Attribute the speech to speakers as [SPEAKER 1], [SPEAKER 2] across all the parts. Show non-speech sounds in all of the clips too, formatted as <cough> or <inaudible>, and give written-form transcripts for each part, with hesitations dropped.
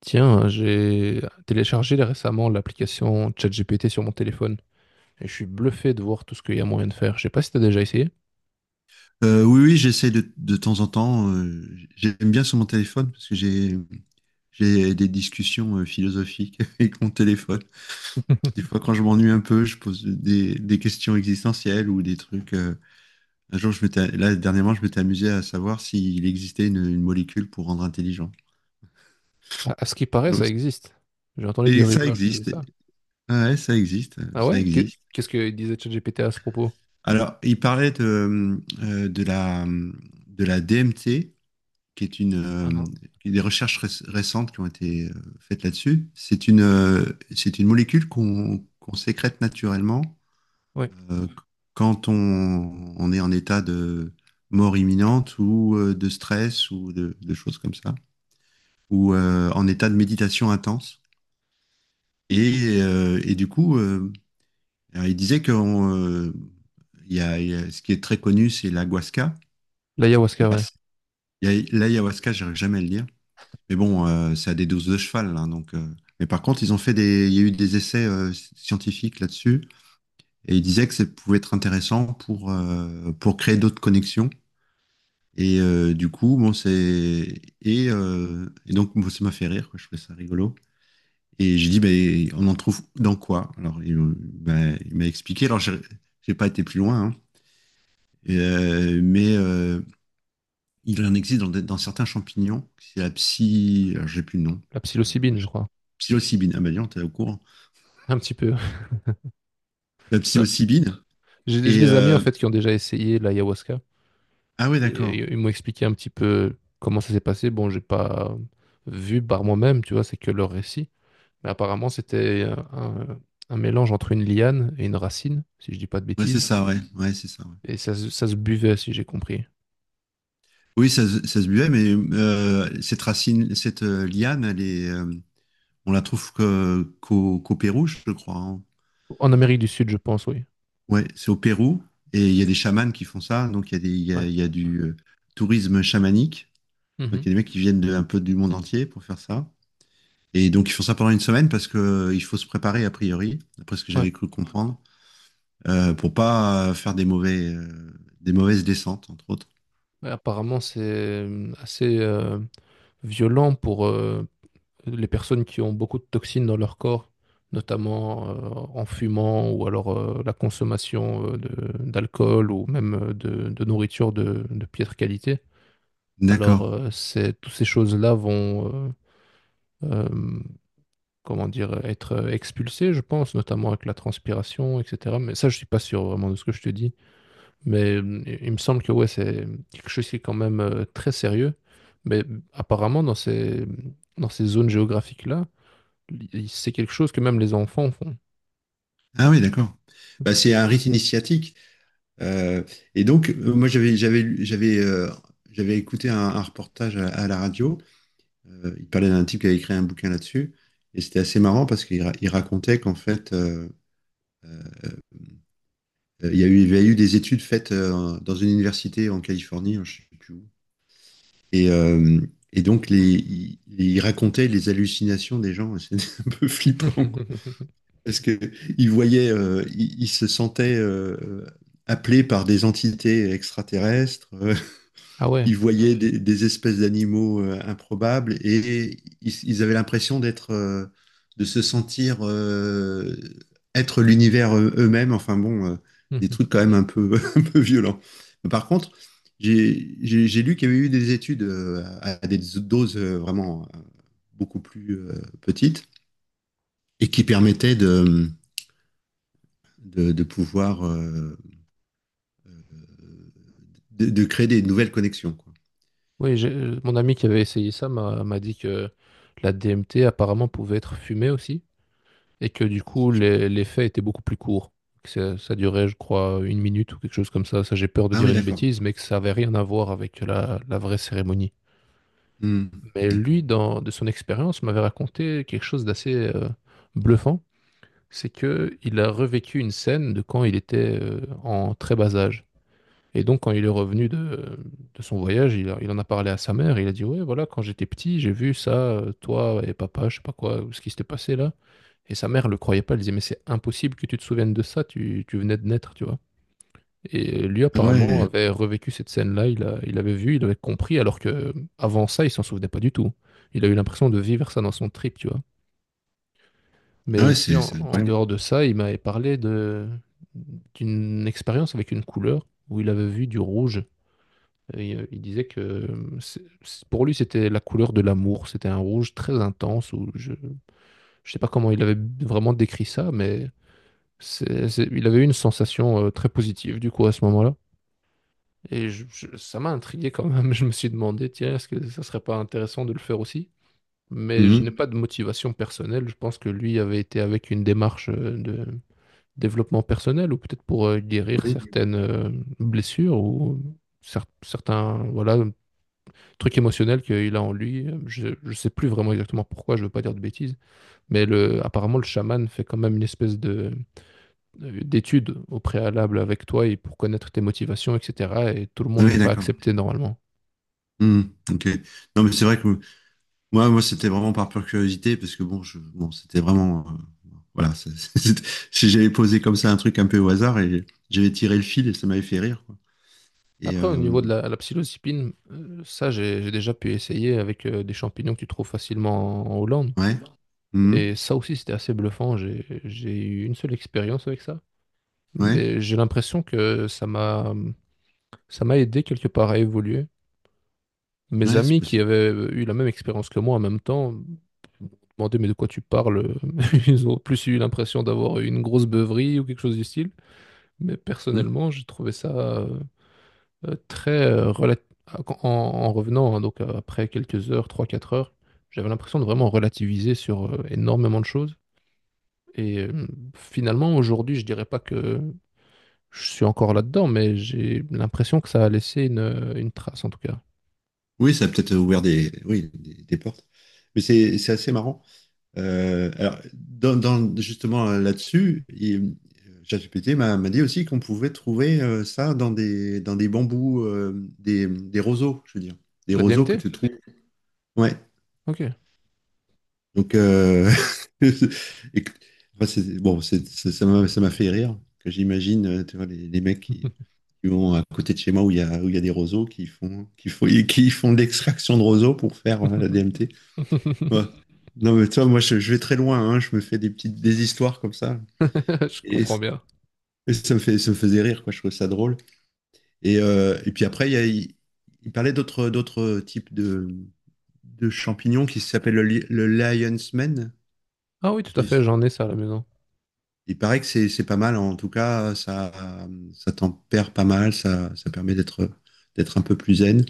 [SPEAKER 1] Tiens, j'ai téléchargé récemment l'application ChatGPT sur mon téléphone et je suis bluffé de voir tout ce qu'il y a moyen de faire. Je sais pas si t'as déjà essayé.
[SPEAKER 2] Oui, oui, j'essaie de temps en temps. J'aime bien sur mon téléphone parce que j'ai des discussions philosophiques <laughs> avec mon téléphone. Des fois, quand
[SPEAKER 1] <laughs>
[SPEAKER 2] je m'ennuie un peu, je pose des questions existentielles ou des trucs. Un jour, dernièrement, je m'étais amusé à savoir s'il existait une molécule pour rendre intelligent.
[SPEAKER 1] À, à ce qui paraît, ça
[SPEAKER 2] Donc,
[SPEAKER 1] existe. J'ai entendu des
[SPEAKER 2] et ça
[SPEAKER 1] rumeurs qui disaient
[SPEAKER 2] existe.
[SPEAKER 1] ça.
[SPEAKER 2] Ouais, ça existe.
[SPEAKER 1] Ah
[SPEAKER 2] Ça
[SPEAKER 1] ouais?
[SPEAKER 2] existe.
[SPEAKER 1] Qu'est-ce que disait ChatGPT à ce propos?
[SPEAKER 2] Alors, il parlait de de la DMT. Qui est une
[SPEAKER 1] Ah, hein.
[SPEAKER 2] des recherches récentes qui ont été faites là-dessus. C'est une molécule qu'on sécrète naturellement,
[SPEAKER 1] Ouais.
[SPEAKER 2] euh, quand on est en état de mort imminente ou de stress ou de choses comme ça, ou en état de méditation intense. Et du coup, alors, il disait que il y a, ce qui est très connu, c'est l'ayahuasca. Et
[SPEAKER 1] L'ayahuasca,
[SPEAKER 2] là,
[SPEAKER 1] ouais.
[SPEAKER 2] l'ayahuasca, j'arrive jamais à le dire. Mais bon, c'est à des doses de cheval, hein, donc. Mais par contre, ils ont fait des, il y a eu des essais scientifiques là-dessus, et ils disaient que ça pouvait être intéressant pour créer d'autres connexions. Du coup, bon, c'est et donc bon, ça m'a fait rire, quoi, je trouvais ça rigolo. Et j'ai dit, ben, on en trouve dans quoi? Alors, ben, il m'a expliqué. Alors, j'ai pas été plus loin, hein. Et, euh, mais euh, il en existe dans certains champignons. C'est la psy, alors, j'ai plus le nom.
[SPEAKER 1] La psilocybine, je crois.
[SPEAKER 2] Psilocybine. Ah bah dis donc, t'es au courant.
[SPEAKER 1] Un petit peu. <laughs>
[SPEAKER 2] La
[SPEAKER 1] Non.
[SPEAKER 2] psilocybine.
[SPEAKER 1] J'ai
[SPEAKER 2] Et
[SPEAKER 1] des amis en
[SPEAKER 2] euh,
[SPEAKER 1] fait qui ont déjà essayé l'ayahuasca
[SPEAKER 2] ah ouais,
[SPEAKER 1] et
[SPEAKER 2] d'accord.
[SPEAKER 1] ils m'ont expliqué un petit peu comment ça s'est passé. Bon, j'ai pas vu par moi-même, tu vois, c'est que leur récit. Mais apparemment, c'était un, un mélange entre une liane et une racine, si je dis pas de
[SPEAKER 2] Ouais, c'est
[SPEAKER 1] bêtises.
[SPEAKER 2] ça, ouais. Ouais, c'est ça, ouais.
[SPEAKER 1] Et ça, ça se buvait, si j'ai compris.
[SPEAKER 2] Oui, ça se buvait, mais cette racine, cette liane, elle est, on la trouve qu'au Pérou, je crois, hein.
[SPEAKER 1] En Amérique du Sud, je pense, oui.
[SPEAKER 2] Ouais, c'est au Pérou. Et il y a des chamans qui font ça. Donc
[SPEAKER 1] Ouais.
[SPEAKER 2] il y a du tourisme chamanique. Donc
[SPEAKER 1] Mhm.
[SPEAKER 2] il y a des mecs qui viennent un peu du monde entier pour faire ça. Et donc ils font ça pendant une semaine parce que il faut se préparer a priori, d'après ce que
[SPEAKER 1] Ouais.
[SPEAKER 2] j'avais cru comprendre. Pour pas faire des mauvaises descentes, entre autres.
[SPEAKER 1] Mais apparemment, c'est assez violent pour les personnes qui ont beaucoup de toxines dans leur corps, notamment en fumant ou alors la consommation d'alcool ou même de nourriture de piètre qualité. Alors,
[SPEAKER 2] D'accord.
[SPEAKER 1] c'est- toutes ces choses-là vont euh, euh, comment dire, être expulsé, je pense, notamment avec la transpiration, etc. Mais ça, je suis pas sûr vraiment de ce que je te dis. Mais il me semble que ouais, c'est quelque chose qui est quand même très sérieux. Mais apparemment, dans ces zones géographiques-là, c'est quelque chose que même les enfants font.
[SPEAKER 2] Ah oui, d'accord. Bah, c'est un rite initiatique. Euh, et donc, moi, j'avais écouté un reportage à la radio. Il parlait d'un type qui avait écrit un bouquin là-dessus. Et c'était assez marrant parce il racontait qu'en fait, euh, il y a eu des études faites dans une université en Californie, hein, je sais plus où. Et, euh, et donc, il racontait les hallucinations des gens. <laughs> C'est un peu flippant.
[SPEAKER 1] <laughs>
[SPEAKER 2] Parce il se sentait appelé par des entités extraterrestres,
[SPEAKER 1] Ah
[SPEAKER 2] <laughs>
[SPEAKER 1] ouais.
[SPEAKER 2] il voyait des espèces d'animaux improbables ils avaient l'impression d'être, de se sentir être l'univers eux-mêmes. Enfin bon, des
[SPEAKER 1] Mhm.
[SPEAKER 2] trucs quand même un peu, <laughs> un peu violents. Par contre, j'ai lu qu'il y avait eu des études à des doses vraiment beaucoup plus petites et qui permettaient de pouvoir de créer des nouvelles connexions, quoi.
[SPEAKER 1] Oui, mon ami qui avait essayé ça m'a dit que la DMT apparemment pouvait être fumée aussi. Et que du
[SPEAKER 2] Ah, ça,
[SPEAKER 1] coup
[SPEAKER 2] je sais pas.
[SPEAKER 1] les faits étaient beaucoup plus courts. Que ça durait, je crois, une minute ou quelque chose comme ça. Ça, j'ai peur de
[SPEAKER 2] Ah
[SPEAKER 1] dire
[SPEAKER 2] oui,
[SPEAKER 1] une
[SPEAKER 2] d'accord.
[SPEAKER 1] bêtise, mais que ça avait rien à voir avec la, la vraie cérémonie.
[SPEAKER 2] Hmm,
[SPEAKER 1] Mais
[SPEAKER 2] d'accord.
[SPEAKER 1] lui, dans, de son expérience, m'avait raconté quelque chose d'assez bluffant. C'est que il a revécu une scène de quand il était en très bas âge. Et donc, quand il est revenu de son voyage, il, il en a parlé à sa mère. Il a dit, ouais, voilà, quand j'étais petit, j'ai vu ça, toi et papa, je sais pas quoi, ce qui s'était passé là. Et sa mère le croyait pas, elle disait, mais c'est impossible que tu te souviennes de ça, tu venais de naître, tu vois. Et lui,
[SPEAKER 2] Ah
[SPEAKER 1] apparemment,
[SPEAKER 2] ouais,
[SPEAKER 1] avait revécu cette scène-là, il avait vu, il avait compris, alors que avant ça, il s'en souvenait pas du tout. Il a eu l'impression de vivre ça dans son trip, tu vois. Mais
[SPEAKER 2] ah ouais,
[SPEAKER 1] aussi,
[SPEAKER 2] c'est c'est
[SPEAKER 1] en
[SPEAKER 2] incroyable.
[SPEAKER 1] dehors de ça, il m'avait parlé de, d'une expérience avec une couleur où il avait vu du rouge. Et, il disait que pour lui, c'était la couleur de l'amour. C'était un rouge très intense. Où je ne sais pas comment il avait vraiment décrit ça, mais il avait eu une sensation très positive du coup à ce moment-là. Et ça m'a intrigué quand même. <laughs> Je me suis demandé, tiens, est-ce que ça serait pas intéressant de le faire aussi? Mais je n'ai
[SPEAKER 2] Mhm.
[SPEAKER 1] pas de motivation personnelle. Je pense que lui avait été avec une démarche de développement personnel ou peut-être pour guérir
[SPEAKER 2] Oui,
[SPEAKER 1] certaines blessures ou certains voilà trucs émotionnels qu'il a en lui. Je ne sais plus vraiment exactement pourquoi. Je ne veux pas dire de bêtises. Mais le, apparemment, le chaman fait quand même une espèce de d'études au préalable avec toi et pour connaître tes motivations, etc. Et tout le monde n'est
[SPEAKER 2] oui,
[SPEAKER 1] pas
[SPEAKER 2] d'accord.
[SPEAKER 1] accepté normalement.
[SPEAKER 2] Hmm, ok. Non, mais c'est vrai que moi, moi, c'était vraiment par pure curiosité, parce que bon, je, bon, c'était vraiment, voilà, c'est- <laughs> c'est- c'est- j'avais posé comme ça un truc un peu au hasard et j'avais tiré le fil et ça m'avait fait rire, quoi. Et
[SPEAKER 1] Après, au
[SPEAKER 2] euh,
[SPEAKER 1] niveau de la, la psilocybine, ça, j'ai déjà pu essayer avec des champignons que tu trouves facilement en Hollande.
[SPEAKER 2] ouais. Mhm.
[SPEAKER 1] Et ça aussi, c'était assez bluffant. J'ai eu une seule expérience avec ça.
[SPEAKER 2] Ouais,
[SPEAKER 1] Mais j'ai l'impression que ça m'a aidé quelque part à évoluer. Mes
[SPEAKER 2] ouais, c'est
[SPEAKER 1] amis qui
[SPEAKER 2] possible.
[SPEAKER 1] avaient eu la même expérience que moi en même temps m'ont demandé, mais de quoi tu parles? <laughs> Ils ont plus eu l'impression d'avoir eu une grosse beuverie ou quelque chose du style. Mais
[SPEAKER 2] Hmm.
[SPEAKER 1] personnellement, j'ai trouvé ça très en revenant, hein, donc après quelques heures, trois quatre heures, j'avais l'impression de vraiment relativiser sur énormément de choses. Et finalement, aujourd'hui, je dirais pas que je suis encore là-dedans, mais j'ai l'impression que ça a laissé une trace en tout cas.
[SPEAKER 2] Oui, ça a peut-être ouvert oui, des portes. Mais c'est assez marrant. Justement là-dessus, ChatGPT m'a dit aussi qu'on pouvait trouver ça dans des bambous, des roseaux, je veux dire. Des
[SPEAKER 1] La
[SPEAKER 2] roseaux que
[SPEAKER 1] DMT?
[SPEAKER 2] tu trouves. Ouais.
[SPEAKER 1] Ok.
[SPEAKER 2] Donc, <laughs> et que- enfin, ça m'a fait rire. Que j'imagine, tu vois, les mecs qui vont à côté de chez moi où il y a des roseaux qui font de l'extraction de roseaux pour faire la
[SPEAKER 1] <laughs>
[SPEAKER 2] DMT. Ouais. Non, mais toi, moi, je vais très loin, hein. Je me fais des histoires comme ça.
[SPEAKER 1] Je
[SPEAKER 2] Et,
[SPEAKER 1] comprends bien.
[SPEAKER 2] ça me faisait rire, quoi. Je trouvais ça drôle. Et puis après, il, y a- il parlait d'autres types de champignons qui s'appellent le lion's mane.
[SPEAKER 1] Ah oui, tout à fait,
[SPEAKER 2] Je-
[SPEAKER 1] j'en ai ça à la maison.
[SPEAKER 2] Il paraît que c'est pas mal. En tout cas, ça tempère pas mal. Ça permet d'être un peu plus zen.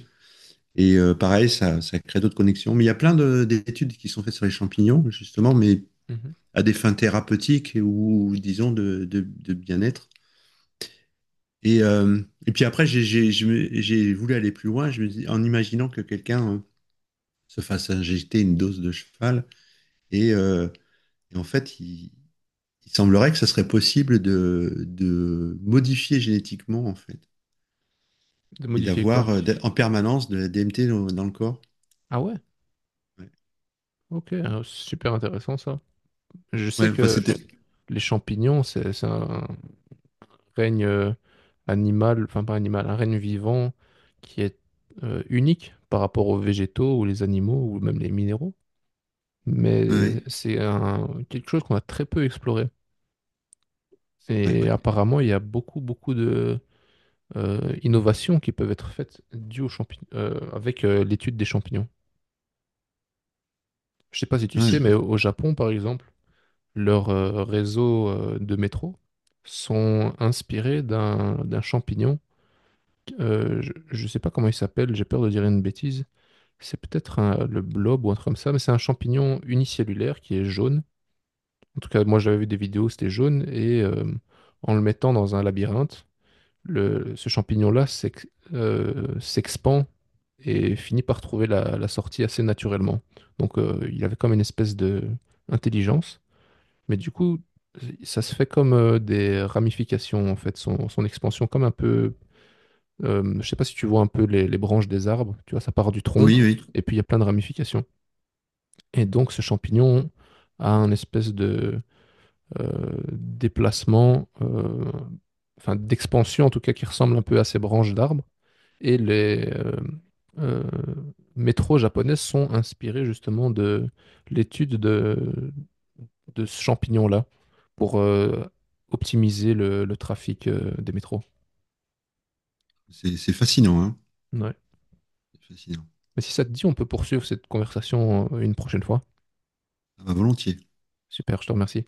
[SPEAKER 2] Pareil, ça crée d'autres connexions. Mais il y a d'études qui sont faites sur les champignons, justement, mais
[SPEAKER 1] Mhm.
[SPEAKER 2] à des fins thérapeutiques ou, disons, de bien-être. Puis après, j'ai voulu aller plus loin, je me dis, en imaginant que quelqu'un se fasse injecter une dose de cheval. Et, euh, et en fait, semblerait que ça serait possible de modifier génétiquement, en fait,
[SPEAKER 1] De
[SPEAKER 2] et
[SPEAKER 1] modifier quoi?
[SPEAKER 2] d'avoir en permanence de la DMT dans le corps.
[SPEAKER 1] Ah ouais?
[SPEAKER 2] Ouais,
[SPEAKER 1] Ok, super intéressant ça. Je sais
[SPEAKER 2] ouais enfin,
[SPEAKER 1] que
[SPEAKER 2] c'était.
[SPEAKER 1] les champignons, c'est un règne animal, enfin pas animal, un règne vivant qui est unique par rapport aux végétaux ou les animaux ou même les minéraux.
[SPEAKER 2] Ouais, ouais,
[SPEAKER 1] Mais c'est un, quelque chose qu'on a très peu exploré.
[SPEAKER 2] c'est vrai,
[SPEAKER 1] Et
[SPEAKER 2] ouais.
[SPEAKER 1] apparemment, il y a beaucoup, beaucoup de innovations qui peuvent être faites dues aux avec l'étude des champignons. Je sais pas si tu sais, mais
[SPEAKER 2] Ouais.
[SPEAKER 1] au Japon, par exemple, leurs réseaux de métro sont inspirés d'un champignon. Euh, je ne sais pas comment il s'appelle, j'ai peur de dire une bêtise. C'est peut-être le blob ou un truc comme ça, mais c'est un champignon unicellulaire qui est jaune. En tout cas, moi j'avais vu des vidéos, c'était jaune, et en le mettant dans un labyrinthe, ce champignon-là s'expand et finit par trouver la, la sortie assez naturellement. Donc il avait comme une espèce de intelligence, mais du coup, ça se fait comme des ramifications, en fait, son expansion, comme un peu je ne sais pas si tu vois un peu les branches des arbres, tu vois, ça part du tronc,
[SPEAKER 2] Oui, oui.
[SPEAKER 1] et puis il y a plein de ramifications. Et donc ce champignon a un espèce de déplacement, enfin d'expansion en tout cas, qui ressemble un peu à ces branches d'arbres. Et les euh, métros japonaises sont inspirés justement de l'étude de ce champignon-là pour optimiser le trafic des métros.
[SPEAKER 2] C'est fascinant, hein.
[SPEAKER 1] Ouais.
[SPEAKER 2] C'est fascinant.
[SPEAKER 1] Mais si ça te dit, on peut poursuivre cette conversation une prochaine fois.
[SPEAKER 2] Ah, volontiers.
[SPEAKER 1] Super, je te remercie.